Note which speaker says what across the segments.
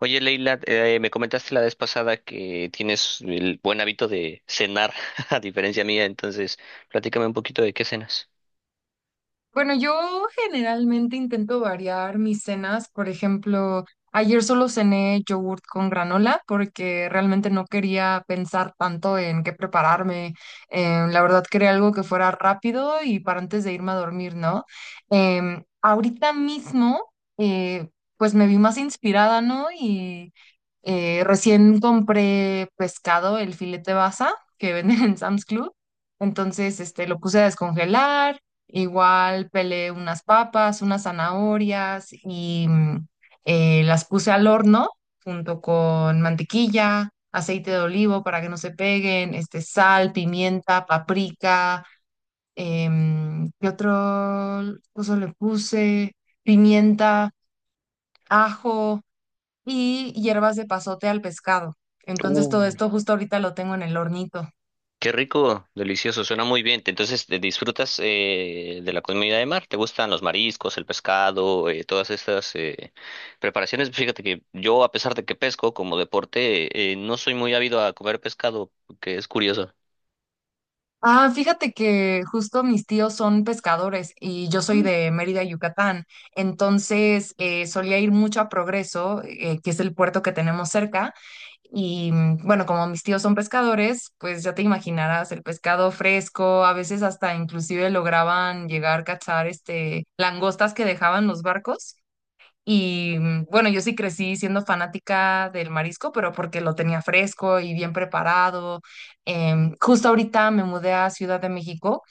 Speaker 1: Oye, Leila, me comentaste la vez pasada que tienes el buen hábito de cenar, a diferencia mía, entonces platícame un poquito de qué cenas.
Speaker 2: Bueno, yo generalmente intento variar mis cenas. Por ejemplo, ayer solo cené yogurt con granola porque realmente no quería pensar tanto en qué prepararme. La verdad quería algo que fuera rápido y para antes de irme a dormir, ¿no? Ahorita mismo, eh, pues me vi más inspirada, ¿no? Y recién compré pescado, el filete basa que venden en Sam's Club. Entonces, este, lo puse a descongelar. Igual pelé unas papas, unas zanahorias y las puse al horno junto con mantequilla, aceite de olivo para que no se peguen, este, sal, pimienta, paprika, ¿qué otro cosa le puse? Pimienta, ajo y hierbas de pasote al pescado. Entonces todo
Speaker 1: Uh,
Speaker 2: esto justo ahorita lo tengo en el hornito.
Speaker 1: Qué rico, delicioso, suena muy bien. Entonces, ¿te ¿disfrutas de la comida de mar? ¿Te gustan los mariscos, el pescado, todas estas preparaciones? Fíjate que yo, a pesar de que pesco como deporte, no soy muy ávido a comer pescado, que es curioso.
Speaker 2: Ah, fíjate que justo mis tíos son pescadores y yo soy de Mérida, Yucatán. Entonces, solía ir mucho a Progreso, que es el puerto que tenemos cerca. Y bueno, como mis tíos son pescadores, pues ya te imaginarás el pescado fresco, a veces hasta inclusive lograban llegar a cazar este langostas que dejaban los barcos. Y bueno, yo sí crecí siendo fanática del marisco, pero porque lo tenía fresco y bien preparado. Justo ahorita me mudé a Ciudad de México,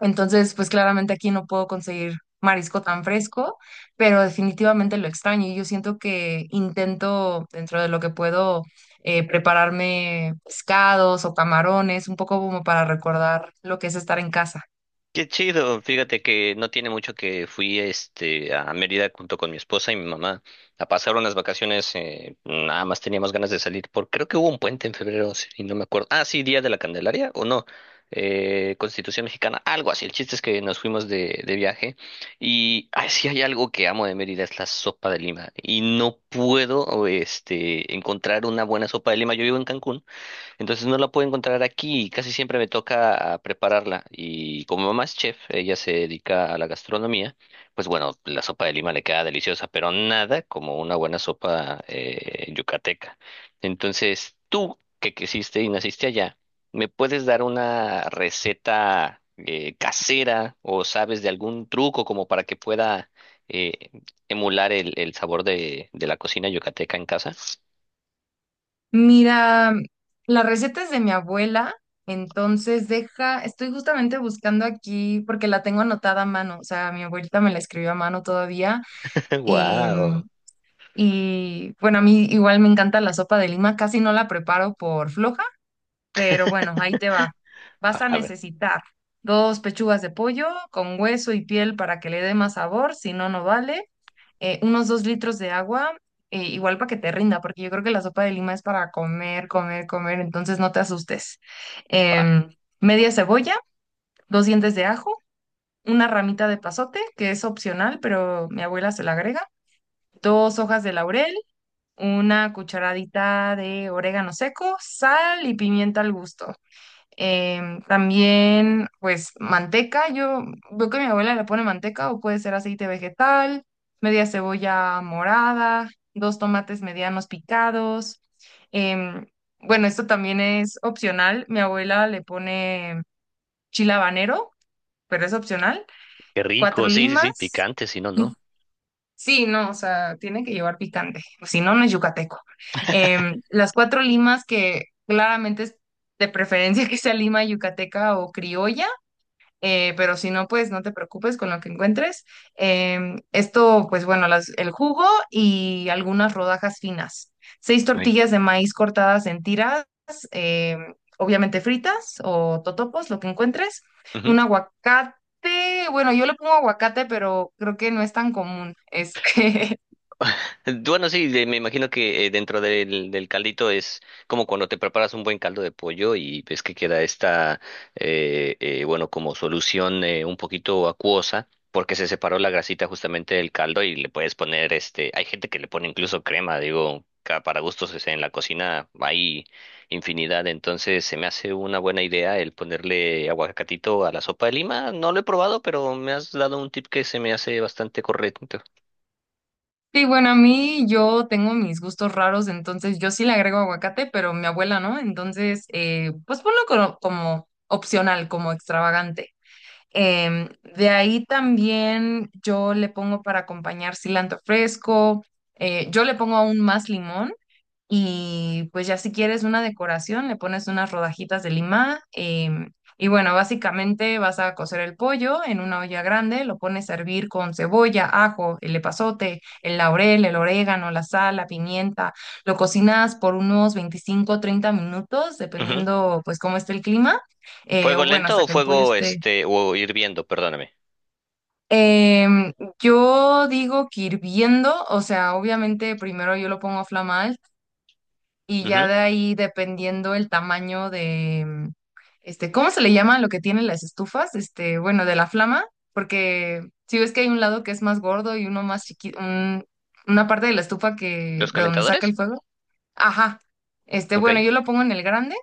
Speaker 2: entonces pues claramente aquí no puedo conseguir marisco tan fresco, pero definitivamente lo extraño y yo siento que intento dentro de lo que puedo, prepararme pescados o camarones, un poco como para recordar lo que es estar en casa.
Speaker 1: Qué chido, fíjate que no tiene mucho que fui este a Mérida junto con mi esposa y mi mamá a pasar unas vacaciones, nada más teníamos ganas de salir, porque creo que hubo un puente en febrero, y no me acuerdo. Ah, sí, Día de la Candelaria o no, Constitución Mexicana, algo así. El chiste es que nos fuimos de viaje y ay, sí hay algo que amo de Mérida, es la sopa de lima. Y no puedo este encontrar una buena sopa de lima. Yo vivo en Cancún. Entonces no la puedo encontrar aquí y casi siempre me toca ah, prepararla. Y como mi mamá es chef, ella se dedica a la gastronomía, pues bueno, la sopa de lima le queda deliciosa, pero nada como una buena sopa yucateca. Entonces tú, que creciste y naciste allá, ¿me puedes dar una receta casera o sabes de algún truco como para que pueda eh, emular el sabor de la cocina yucateca en casa?
Speaker 2: Mira, la receta es de mi abuela, entonces deja, estoy justamente buscando aquí porque la tengo anotada a mano, o sea, mi abuelita me la escribió a mano todavía. em,
Speaker 1: ¡Wow!
Speaker 2: y bueno, a mí igual me encanta la sopa de lima, casi no la preparo por floja, pero bueno, ahí te va. Vas a
Speaker 1: A ver.
Speaker 2: necesitar dos pechugas de pollo con hueso y piel para que le dé más sabor, si no, no vale. Unos dos litros de agua, igual para que te rinda, porque yo creo que la sopa de lima es para comer, comer, comer, entonces no te asustes.
Speaker 1: Va.
Speaker 2: Em, Media cebolla, dos dientes de ajo, una ramita de pasote, que es opcional, pero mi abuela se la agrega, dos hojas de laurel, una cucharadita de orégano seco, sal y pimienta al gusto. También, pues, manteca. Yo veo que mi abuela le pone manteca o puede ser aceite vegetal, media cebolla morada, dos tomates medianos picados. Em, bueno, esto también es opcional. Mi abuela le pone chile habanero, pero es opcional.
Speaker 1: Qué
Speaker 2: Cuatro
Speaker 1: rico, sí, sí, sí,
Speaker 2: limas.
Speaker 1: picante, si no, no.
Speaker 2: Sí, no, o sea, tiene que llevar picante, o si no, no es yucateco. Las cuatro limas que claramente es de preferencia que sea lima yucateca o criolla, pero si no, pues no te preocupes con lo que encuentres. Esto, pues bueno, las- el jugo y algunas rodajas finas. Seis
Speaker 1: Sí.
Speaker 2: tortillas de maíz cortadas en tiras, obviamente fritas o totopos, lo que encuentres.
Speaker 1: Ujú.
Speaker 2: Un aguacate, bueno, yo le pongo aguacate, pero creo que no es tan común. Este.
Speaker 1: Bueno, sí, de- me imagino que dentro del, del caldito es como cuando te preparas un buen caldo de pollo y ves que queda esta, bueno, como solución un poquito acuosa, porque se separó la grasita justamente del caldo y le puedes poner, este, hay gente que le pone incluso crema, digo, ca- para gustos, o sea, en la cocina hay infinidad, entonces se me hace una buena idea el ponerle aguacatito a la sopa de lima. No lo he probado, pero me has dado un tip que se me hace bastante correcto.
Speaker 2: Sí, bueno, a mí yo tengo mis gustos raros, entonces yo sí le agrego aguacate, pero mi abuela no, entonces pues ponlo como opcional, como extravagante. Em, de ahí también yo le pongo para acompañar cilantro fresco, yo le pongo aún más limón y pues ya si quieres una decoración le pones unas rodajitas de lima. Y bueno, básicamente vas a cocer el pollo en una olla grande, lo pones a hervir con cebolla, ajo, el epazote, el laurel, el orégano, la sal, la pimienta, lo cocinas por unos 25 o 30 minutos dependiendo pues cómo esté el clima,
Speaker 1: ¿Fuego
Speaker 2: o bueno,
Speaker 1: lento
Speaker 2: hasta
Speaker 1: o
Speaker 2: que el
Speaker 1: fuego
Speaker 2: pollo esté...
Speaker 1: este o hirviendo? Perdóname.
Speaker 2: Em, yo digo que hirviendo, o sea, obviamente primero yo lo pongo a flamar y ya
Speaker 1: Ujú.
Speaker 2: de ahí dependiendo el tamaño de, este, ¿cómo se le llama lo que tienen las estufas? Este, bueno, de la flama, porque si ves que hay un lado que es más gordo y uno más chiquito, una parte de la estufa que,
Speaker 1: ¿Los
Speaker 2: de donde saca
Speaker 1: calentadores?
Speaker 2: el fuego. Ajá. Este,
Speaker 1: Ok.
Speaker 2: bueno, yo lo pongo en el grande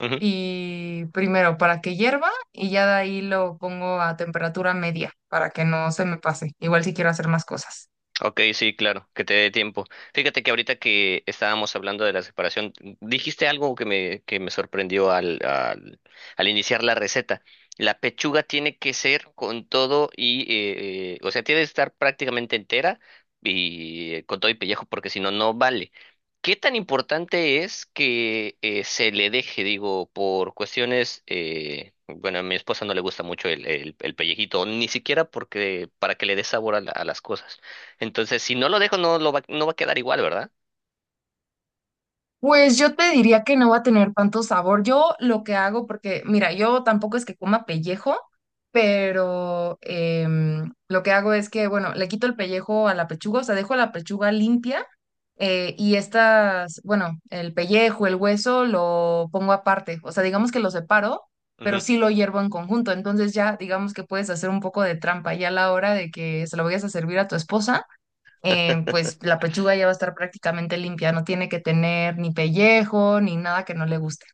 Speaker 1: Ujú.
Speaker 2: y primero para que hierva y ya de ahí lo pongo a temperatura media para que no se me pase. Igual si quiero hacer más cosas.
Speaker 1: Ok, sí, claro, que te dé tiempo. Fíjate que ahorita que estábamos hablando de la separación, dijiste algo que me sorprendió al iniciar la receta. La pechuga tiene que ser con todo y, o sea, tiene que estar prácticamente entera y con todo y pellejo, porque si no, no vale. ¿Qué tan importante es que se le deje, digo, por cuestiones, bueno, a mi esposa no le gusta mucho el pellejito, ni siquiera porque, para que le dé sabor a la- a las cosas. Entonces, si no lo dejo, no lo va, no va a quedar igual, ¿verdad?
Speaker 2: Pues yo te diría que no va a tener tanto sabor. Yo lo que hago, porque mira, yo tampoco es que coma pellejo, pero lo que hago es que, bueno, le quito el pellejo a la pechuga, o sea, dejo la pechuga limpia. Y estas, bueno, el pellejo, el hueso, lo pongo aparte. O sea, digamos que lo separo, pero
Speaker 1: Ujú.
Speaker 2: sí lo hiervo en conjunto. Entonces ya, digamos que puedes hacer un poco de trampa. Ya a la hora de que se lo vayas a servir a tu esposa, pues la pechuga ya va a estar prácticamente limpia. No tiene que tener ni pellejo, ni nada que no le guste.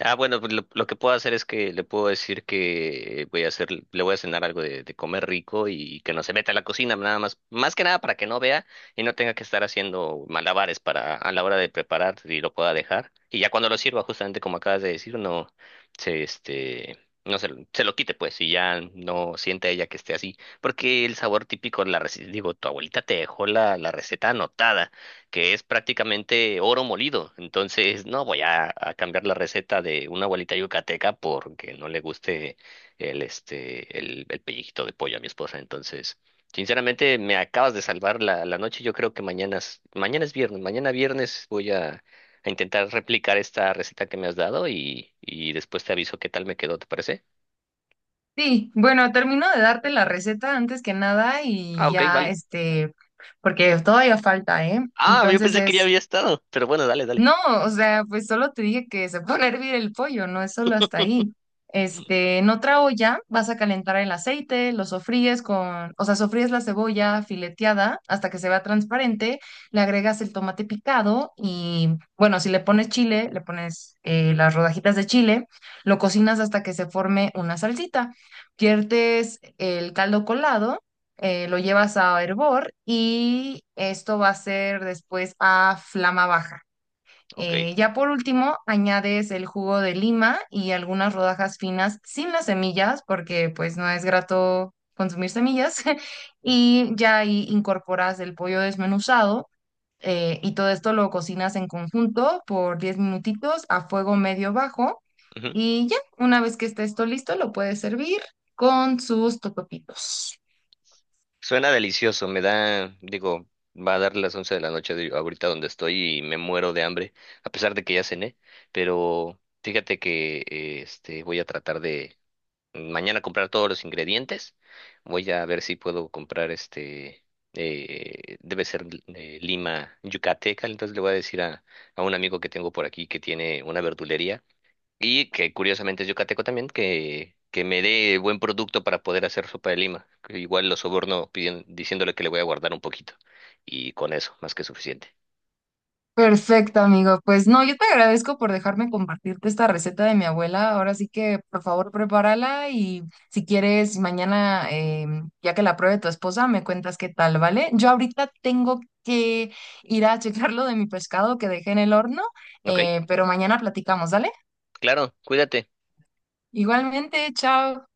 Speaker 1: Ah, bueno, pues lo que puedo hacer es que le puedo decir que voy a hacer, le voy a cenar algo de comer rico y que no se meta a la cocina, nada más, más que nada para que no vea y no tenga que estar haciendo malabares para a la hora de preparar y lo pueda dejar. Y ya cuando lo sirva, justamente como acabas de decir, no se este no se, lo- se lo quite pues y ya no sienta ella que esté así, porque el sabor típico la reci- digo, tu abuelita te dejó la receta anotada, que es prácticamente oro molido. Entonces, no voy a cambiar la receta de una abuelita yucateca porque no le guste el, este, el pellizquito de pollo a mi esposa. Entonces, sinceramente, me acabas de salvar la noche. Yo creo que mañana es viernes. Mañana viernes voy a intentar replicar esta receta que me has dado y después te aviso qué tal me quedó, ¿te parece?
Speaker 2: Sí, bueno, termino de darte la receta antes que nada
Speaker 1: Ah,
Speaker 2: y
Speaker 1: ok,
Speaker 2: ya,
Speaker 1: vale.
Speaker 2: este, porque todavía falta, ¿eh?
Speaker 1: Ah, yo
Speaker 2: Entonces
Speaker 1: pensé que ya
Speaker 2: es...
Speaker 1: había estado, pero bueno, dale, dale.
Speaker 2: No, o sea, pues solo te dije que se pone a hervir el pollo, no es solo hasta ahí. Este, en otra olla vas a calentar el aceite, lo sofríes con, o sea, sofríes la cebolla fileteada hasta que se vea transparente, le agregas el tomate picado y, bueno, si le pones chile, le pones las rodajitas de chile, lo cocinas hasta que se forme una salsita. Viertes el caldo colado, lo llevas a hervor y esto va a ser después a flama baja.
Speaker 1: Ok.
Speaker 2: Ya por último, añades el jugo de lima y algunas rodajas finas sin las semillas, porque pues no es grato consumir semillas. Y ya ahí incorporas el pollo desmenuzado, y todo esto lo cocinas en conjunto por 10 minutitos a fuego medio bajo.
Speaker 1: Ujú.
Speaker 2: Y ya, una vez que esté esto listo, lo puedes servir con sus totopitos.
Speaker 1: Suena delicioso, me da, digo, va a dar las 11 de la noche de- ahorita donde estoy y me muero de hambre, a pesar de que ya cené, pero fíjate que este voy a tratar de mañana comprar todos los ingredientes. Voy a ver si puedo comprar este debe ser lima yucateca, entonces le voy a decir a un amigo que tengo por aquí que tiene una verdulería y que curiosamente es yucateco también, que me dé buen producto para poder hacer sopa de lima. Que igual lo soborno pidien- diciéndole que le voy a guardar un poquito. Y con eso, más que suficiente.
Speaker 2: Perfecto, amigo. Pues no, yo te agradezco por dejarme compartirte esta receta de mi abuela. Ahora sí que, por favor, prepárala y si quieres, mañana, ya que la pruebe tu esposa, me cuentas qué tal, ¿vale? Yo ahorita tengo que ir a checar lo de mi pescado que dejé en el horno,
Speaker 1: Ok,
Speaker 2: pero mañana platicamos, ¿vale?
Speaker 1: claro, cuídate.
Speaker 2: Igualmente, chao.